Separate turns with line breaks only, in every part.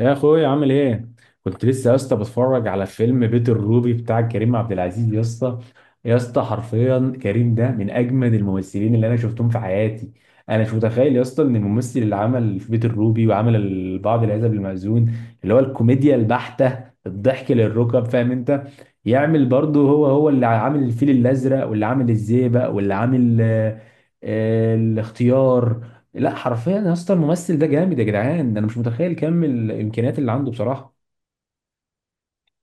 يا اخويا عامل ايه؟ كنت لسه يا اسطى بتفرج على فيلم بيت الروبي بتاع كريم عبد العزيز يا اسطى. يا اسطى حرفيا كريم ده من اجمد الممثلين اللي انا شفتهم في حياتي. انا مش متخيل يا اسطى ان الممثل اللي عمل في بيت الروبي وعمل بعض العزب المأذون، اللي هو الكوميديا البحتة، الضحك للركب، فاهم انت. يعمل برضه هو اللي عامل الفيل الازرق، واللي عامل الزيبق، واللي عامل الاختيار. لا حرفيا يا اسطى الممثل ده جامد يا جدعان، انا مش متخيل كم الامكانيات اللي عنده بصراحه.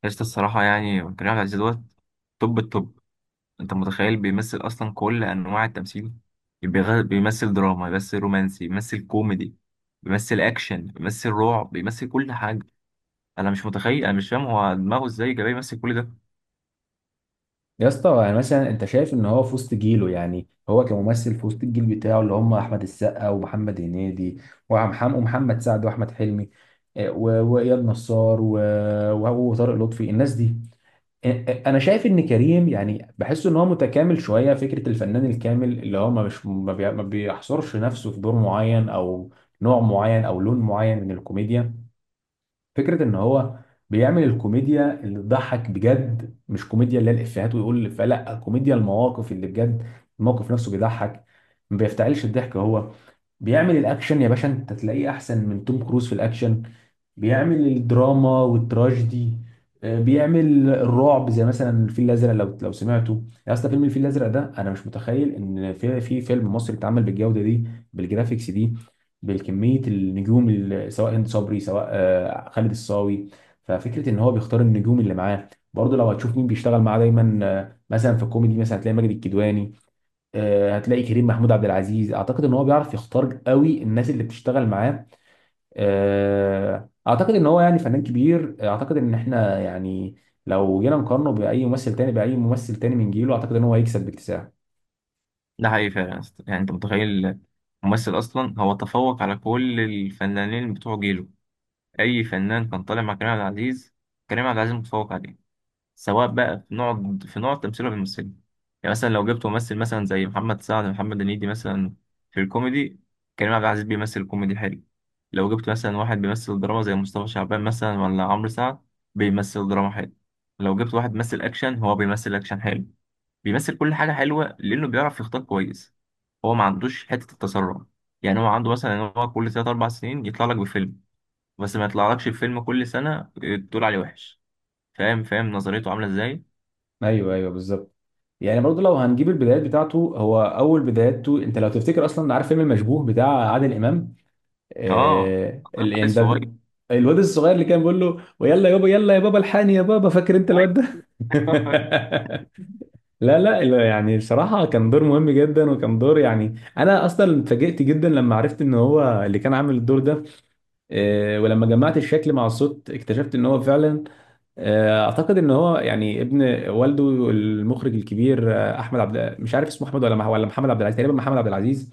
قشطة. الصراحة يعني كريم عبد العزيز دوت توب التوب. أنت متخيل بيمثل أصلا كل أنواع التمثيل. بيمثل دراما، بيمثل رومانسي، بيمثل كوميدي، بيمثل أكشن، بيمثل رعب، بيمثل كل حاجة. أنا مش متخيل، أنا مش فاهم هو دماغه إزاي جاي يمثل كل ده.
يا اسطى يعني مثلا انت شايف ان هو في وسط جيله، يعني هو كممثل في وسط الجيل بتاعه اللي هم احمد السقا ومحمد هنيدي ومحمد سعد واحمد حلمي. واياد نصار وهو وطارق لطفي، الناس دي. انا شايف ان كريم يعني، بحس ان هو متكامل شويه، فكره الفنان الكامل اللي هو ما مش ما بي- ما بيحصرش نفسه في دور معين او نوع معين او لون معين من الكوميديا. فكرة ان هو بيعمل الكوميديا اللي تضحك بجد، مش كوميديا اللي هي الافيهات ويقول الافيه، لا كوميديا المواقف اللي بجد، الموقف نفسه بيضحك، ما بيفتعلش الضحك هو. بيعمل الاكشن يا باشا، انت تلاقيه احسن من توم كروز في الاكشن. بيعمل الدراما والتراجيدي. بيعمل الرعب زي مثلا الفيل الازرق، لو سمعته. يا اسطى فيلم الفيل الازرق ده انا مش متخيل ان في فيلم مصري اتعمل بالجوده دي، بالجرافيكس دي، بالكميه النجوم سواء هند صبري سواء خالد الصاوي. ففكره ان هو بيختار النجوم اللي معاه. برضه لو هتشوف مين بيشتغل معاه دايما، مثلا في الكوميدي مثلا هتلاقي ماجد الكدواني، هتلاقي كريم محمود عبد العزيز. اعتقد ان هو بيعرف يختار قوي الناس اللي بتشتغل معاه. اعتقد ان هو يعني فنان كبير. اعتقد ان احنا يعني لو جينا نقارنه باي ممثل تاني، من جيله، اعتقد ان هو هيكسب باكتساح.
ده حقيقي فعلا يا اسطى. يعني أنت متخيل ممثل أصلا هو تفوق على كل الفنانين بتوع جيله. أي فنان كان طالع مع كريم عبد العزيز، كريم عبد العزيز متفوق عليه، سواء بقى في نوع التمثيل اللي بيمثله. يعني مثلا لو جبت ممثل مثلا زي محمد سعد، محمد هنيدي مثلا، في الكوميدي، كريم عبد العزيز بيمثل كوميدي حلو. لو جبت مثلا واحد بيمثل دراما زي مصطفى شعبان مثلا، ولا عمرو سعد، بيمثل دراما حلو. لو جبت واحد بيمثل اكشن، هو بيمثل اكشن حلو. بيمثل كل حاجة حلوة لأنه بيعرف يختار كويس. هو ما عندوش حتة التسرع. يعني هو عنده مثلا ان هو كل تلات أربع سنين يطلع لك بفيلم، بس ما يطلعلكش بفيلم كل سنة. تقول عليه وحش. فاهم، فاهم نظريته عاملة ازاي.
ايوه ايوه بالظبط. يعني برضه لو هنجيب البدايات بتاعته، هو اول بداياته انت لو تفتكر، اصلا عارف فيلم المشبوه بتاع عادل امام؟
اه، انا
يعني ده
الصغير.
الواد الصغير اللي كان بيقول له ويلا يابا، يلا يا بابا، الحقني يا بابا، فاكر انت
ايوه،
الواد ده؟
فاكر.
لا لا لا، يعني بصراحة كان دور مهم جدا، وكان دور يعني، أنا أصلا اتفاجئت جدا لما عرفت إن هو اللي كان عامل الدور ده. ولما جمعت الشكل مع الصوت اكتشفت إن هو فعلا. أعتقد إن هو يعني ابن والده المخرج الكبير أحمد عبد، مش عارف اسمه أحمد ولا محمد عبد العزيز، تقريبا محمد عبد العزيز.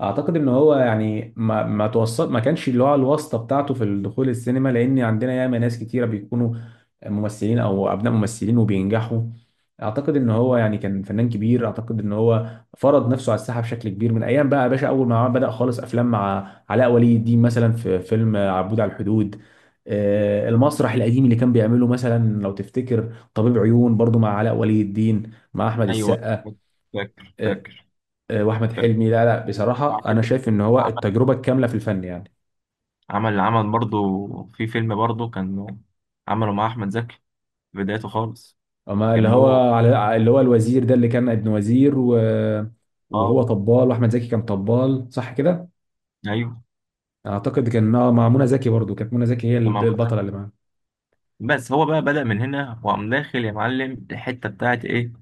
اعتقد ان هو يعني ما توصل، ما كانش اللي هو الواسطه بتاعته في الدخول السينما، لان عندنا ياما ناس كتيره بيكونوا ممثلين او ابناء ممثلين وبينجحوا. اعتقد ان هو يعني كان فنان كبير، اعتقد ان هو فرض نفسه على الساحه بشكل كبير من ايام بقى يا باشا. اول ما بدا خالص افلام مع علاء ولي الدين مثلا في فيلم عبود على الحدود، المسرح القديم اللي كان بيعمله مثلا لو تفتكر طبيب عيون برضو مع علاء ولي الدين مع احمد
ايوه،
السقا.
فاكر،
آه،
فاكر،
واحمد
فاكر.
حلمي. لا لا
على
بصراحه انا
فكرة
شايف ان هو
عمل
التجربه الكامله في الفن يعني.
عمل برضه في فيلم برضه كان عمله مع احمد زكي في بدايته خالص.
اما اللي
كان هو.
هو، على اللي هو الوزير ده اللي كان ابن وزير
اه،
وهو طبال، واحمد زكي كان طبال، صح كده؟
ايوه،
اعتقد كان مع منى زكي برضو، كانت منى زكي هي
كان مع أحمد
البطله
زكي.
اللي معاه.
بس هو بقى بدأ من هنا وقام داخل يا معلم الحته بتاعت ايه،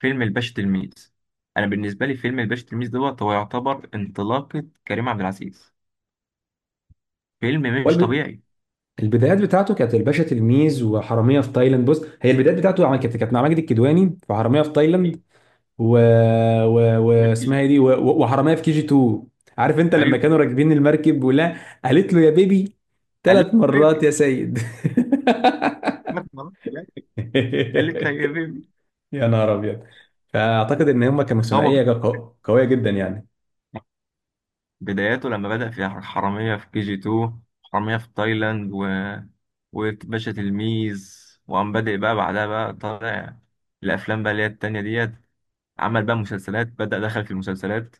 فيلم الباشا تلميذ. انا بالنسبه لي فيلم الباشا تلميذ دوت هو يعتبر انطلاقه كريم عبد العزيز. فيلم مش
والب...
طبيعي.
البدايات بتاعته كانت الباشا تلميذ وحراميه في تايلاند. بص، هي البدايات بتاعته كانت مع ماجد الكدواني في حراميه في
ايوه،
تايلاند، و... و... واسمها ايه دي، وحرامية في كي جي 2. عارف انت لما
ايوه.
كانوا راكبين المركب ولا؟ قالت له يا بيبي،
قال لا،
ثلاث
يا
مرات يا
حبيبي
سيد.
مثلا، يعني قالت لي يا بيبي.
يا نهار ابيض. فاعتقد ان هم كانوا
هو ب-
ثنائيه قويه جدا يعني.
بداياته لما بدأ في حرامية في كي جي 2، حرامية في تايلاند و... وباشا تلميذ. وقام بادئ بقى بعدها بقى طالع الأفلام بقى اللي هي التانية ديت. عمل بقى مسلسلات، بدأ دخل في المسلسلات.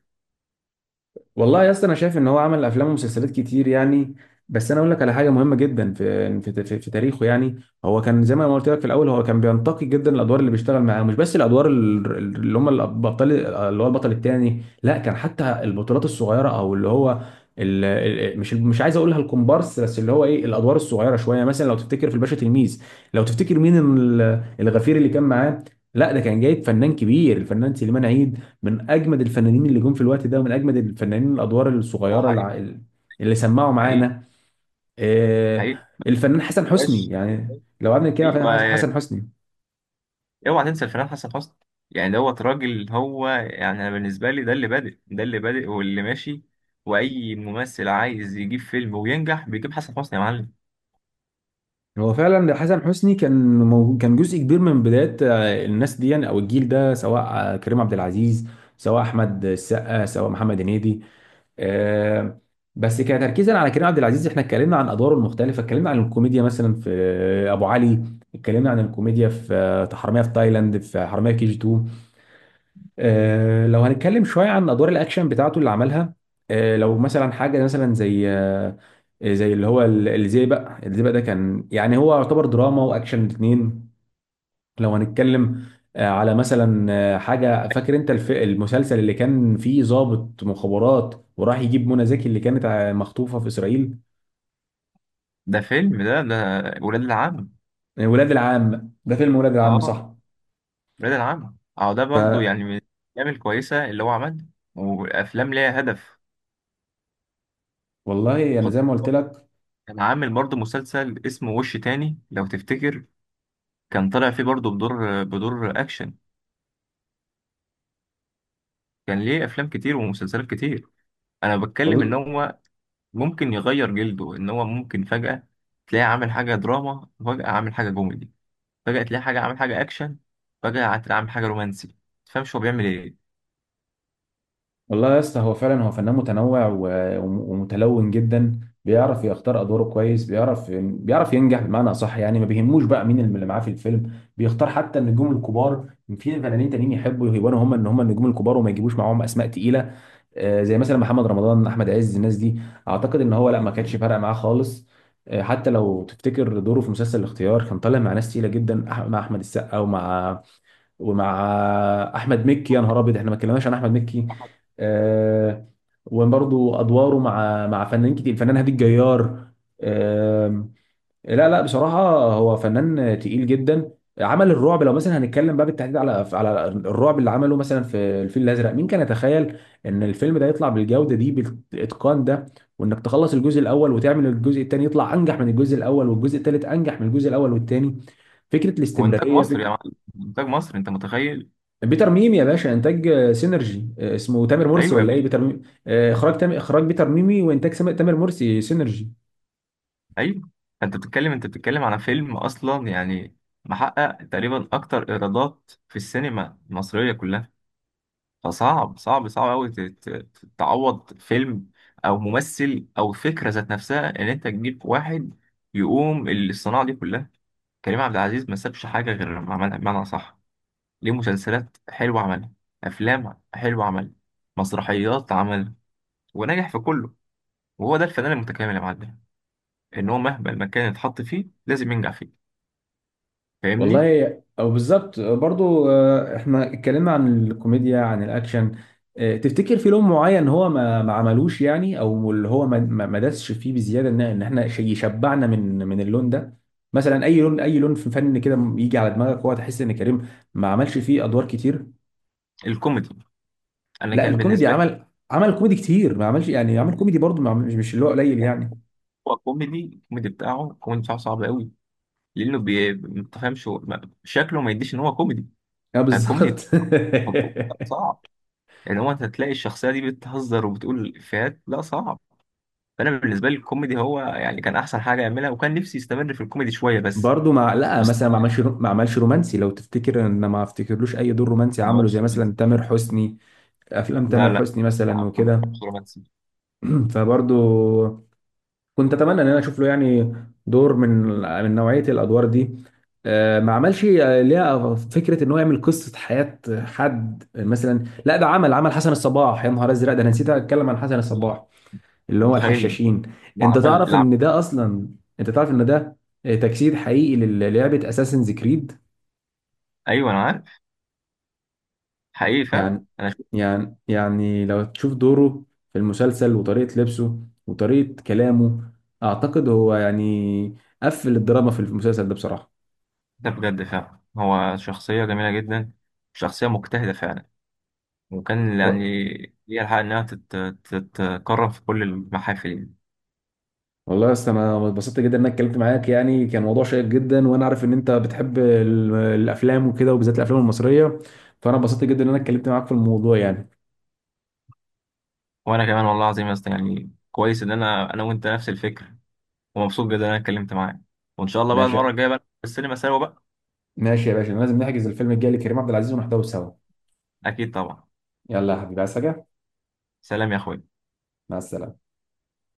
والله يا اسطى انا شايف ان هو عمل افلام ومسلسلات كتير يعني. بس انا اقول لك على حاجه مهمه جدا في تاريخه يعني. هو كان زي ما أنا قلت لك في الاول، هو كان بينتقي جدا الادوار اللي بيشتغل معاها، مش بس الادوار اللي هم الابطال، اللي هو البطل الثاني، لا كان حتى البطولات الصغيره، او اللي هو مش عايز اقولها الكومبارس، بس اللي هو ايه الادوار الصغيره شويه. مثلا لو تفتكر في الباشا تلميذ، لو تفتكر مين الغفير اللي كان معاه، لا ده كان جايب فنان كبير، الفنان سليمان عيد، من اجمد الفنانين اللي جم في الوقت ده، ومن اجمد الفنانين الادوار
اه،
الصغيره
حقيقي.
اللي سمعوا
حقيقي.
معانا. آه،
حقيقي.
الفنان حسن حسني،
باش،
يعني لو قعدنا نتكلم عن الفنان
أيوه،
حسن حسني.
اوعى تنسى الفنان حسن حسني. يعني دوت راجل، هو يعني انا بالنسبه لي ده اللي بادئ، ده اللي بادئ واللي ماشي. واي ممثل عايز يجيب فيلم وينجح بيجيب حسن حسني يا معلم.
هو فعلا حسن حسني كان كان جزء كبير من بدايه الناس دي يعني او الجيل ده، سواء كريم عبد العزيز، سواء احمد السقا، سواء محمد هنيدي. آه، بس كتركيزا على كريم عبد العزيز، احنا اتكلمنا عن ادواره المختلفه، اتكلمنا عن الكوميديا مثلا في ابو علي، اتكلمنا عن الكوميديا في حراميه في تايلاند، في حراميه كي جي 2. لو هنتكلم شويه عن ادوار الاكشن بتاعته اللي عملها، لو مثلا حاجه مثلا زي زي اللي هو الزيبق. الزيبق ده كان يعني هو يعتبر دراما واكشن الاثنين. لو هنتكلم على مثلا حاجه، فاكر انت المسلسل اللي كان فيه ضابط مخابرات وراح يجيب منى زكي اللي كانت مخطوفه في اسرائيل؟
ده فيلم ده ولاد العم.
ولاد العم، ده فيلم ولاد العم
اه،
صح.
ولاد العم. اه، ده برضو يعني من الافلام الكويسه اللي هو عملها، وافلام ليها هدف.
فوالله انا
خد،
زي ما قلت لك.
كان عامل برضو مسلسل اسمه وش تاني لو تفتكر. كان طالع فيه برضو بدور اكشن. كان ليه افلام كتير ومسلسلات كتير. انا بتكلم ان
وال...
هو ممكن يغير جلده، ان هو ممكن فجأة تلاقيه عامل حاجة دراما، فجأة عامل حاجة كوميدي، فجأة تلاقيه حاجة عامل حاجة اكشن، فجأة هتلاقيه عامل حاجة رومانسي. تفهمش هو بيعمل ايه.
والله يا اسطى هو فعلا هو فنان متنوع ومتلون جدا. بيعرف يختار ادواره كويس، بيعرف ينجح بمعنى صح، يعني ما بيهموش بقى مين اللي معاه في الفيلم، بيختار حتى النجوم الكبار. في فنانين تانيين يحبوا يبانوا هم ان هم النجوم الكبار، وما يجيبوش معاهم اسماء تقيله. زي مثلا محمد رمضان، احمد عز، الناس دي. اعتقد ان هو لا، ما كانش فارقه معاه خالص. حتى لو تفتكر دوره في مسلسل الاختيار، كان طالع مع ناس تقيله جدا، مع احمد السقا ومع احمد مكي. يا نهار ابيض، احنا ما اتكلمناش عن احمد مكي. آه، وبرضه ادواره مع فنانين كتير، الفنان هادي الجيار. لا لا بصراحة هو فنان تقيل جدا. عمل الرعب، لو مثلا هنتكلم بقى بالتحديد على الرعب اللي عمله مثلا في الفيل الأزرق، مين كان يتخيل إن الفيلم ده يطلع بالجودة دي، بالإتقان ده، وإنك تخلص الجزء الأول وتعمل الجزء الثاني يطلع أنجح من الجزء الأول، والجزء الثالث أنجح من الجزء الأول والثاني. فكرة
هو انتاج
الاستمرارية،
مصر يا
فكرة
معلم، انتاج مصر، انت متخيل.
بيتر ميمي يا باشا. إنتاج سينرجي، اسمه تامر مرسي
ايوه يا
ولا إيه،
باشا.
بيتر ميمي. إخراج إخراج بيتر ميمي، وإنتاج تامر مرسي سينرجي.
ايوه. انت بتتكلم على فيلم اصلا يعني محقق تقريبا اكتر ايرادات في السينما المصرية كلها. فصعب، صعب، صعب قوي تعوض فيلم او ممثل او فكرة ذات نفسها، ان انت تجيب واحد يقوم الصناعة دي كلها. كريم عبد العزيز ما سابش حاجة غير لما عملها بمعنى صح. ليه مسلسلات حلوة عملها، أفلام حلوة عملها، مسرحيات عملها، ونجح في كله. وهو ده الفنان المتكامل يا معلم. إن هو مهما المكان يتحط فيه لازم ينجح فيه. فاهمني.
والله او بالظبط برضو. احنا اتكلمنا عن الكوميديا، عن الاكشن، تفتكر في لون معين هو ما عملوش، يعني او اللي هو ما دسش فيه بزياده ان إن احنا شيء يشبعنا من اللون ده؟ مثلا اي لون، في فن كده يجي على دماغك هو، تحس ان كريم ما عملش فيه ادوار كتير؟
الكوميدي، أنا
لا
كان
الكوميدي
بالنسبة
عمل، عمل كوميدي كتير، ما عملش يعني، عمل
لي
كوميدي برضو، ما عمل- مش مش اللي هو قليل
يعني.
يعني.
هو كوميدي، الكوميدي بتاعه، الكوميدي بتاعه صعب قوي، لأنه ما تفهمش شكله ما يديش إن هو كوميدي.
اه بالظبط.
فالكوميدي صعب، إن هو أنت تلاقي الشخصية دي بتهزر وبتقول إفيهات، لا صعب. فانا بالنسبه لي الكوميدي هو يعني كان احسن حاجه يعملها، وكان نفسي يستمر في الكوميدي شويه بس.
برضه مع لا
بس
مثلا، ما
طبعا
عملش ما عملش رومانسي لو تفتكر، ان ما افتكرلوش اي دور رومانسي
ما
عمله زي
عملش
مثلا
رومانسي.
تامر حسني، افلام
لا،
تامر
لا،
حسني مثلا
ما
وكده.
عملش رومانسي.
فبرضه كنت اتمنى ان انا اشوف له يعني دور من من نوعيه الادوار دي. ما عملش ليها فكره ان هو يعمل قصه حياه حد مثلا. لا ده عمل، عمل حسن الصباح. يا نهار ازرق، ده انا نسيت اتكلم عن حسن
لا،
الصباح، اللي هو
متخيل.
الحشاشين.
اللي
انت
عمل
تعرف
اللي عمل
ان ده اصلا، انت تعرف ان ده تجسيد حقيقي للعبه اساسنز كريد.
ايوه، انا عارف. حقيقي فعلا.
يعني
انا شفت.
يعني لو تشوف دوره في المسلسل، وطريقة لبسه، وطريقة كلامه، أعتقد هو يعني قفل الدراما في المسلسل ده بصراحة.
ده بجد فعلا هو شخصيه جميله جدا، شخصيه مجتهده فعلا، وكان يعني
و-
ليها الحق انها تت- تتكرم في كل المحافل يعني.
والله يا اسطى أنا اتبسطت جدا إن أنا اتكلمت معاك، يعني كان موضوع شيق جدا، وأنا عارف إن أنت بتحب الأفلام وكده، وبالذات الأفلام المصرية. فأنا اتبسطت جدا إن أنا اتكلمت معاك في الموضوع يعني.
وانا كمان والله العظيم يا اسطى، يعني كويس ان انا وانت نفس الفكره، ومبسوط جدا ان انا اتكلمت معاك. وان شاء الله بقى
ماشي،
المره الجايه بقى في السينما سوا بقى.
ماشي يا باشا، لازم نحجز الفيلم الجاي لكريم عبد العزيز ونحضره سوا.
اكيد طبعا.
يلا يا حبيبي، عايز حاجة؟
سلام يا اخوي.
مع السلامة.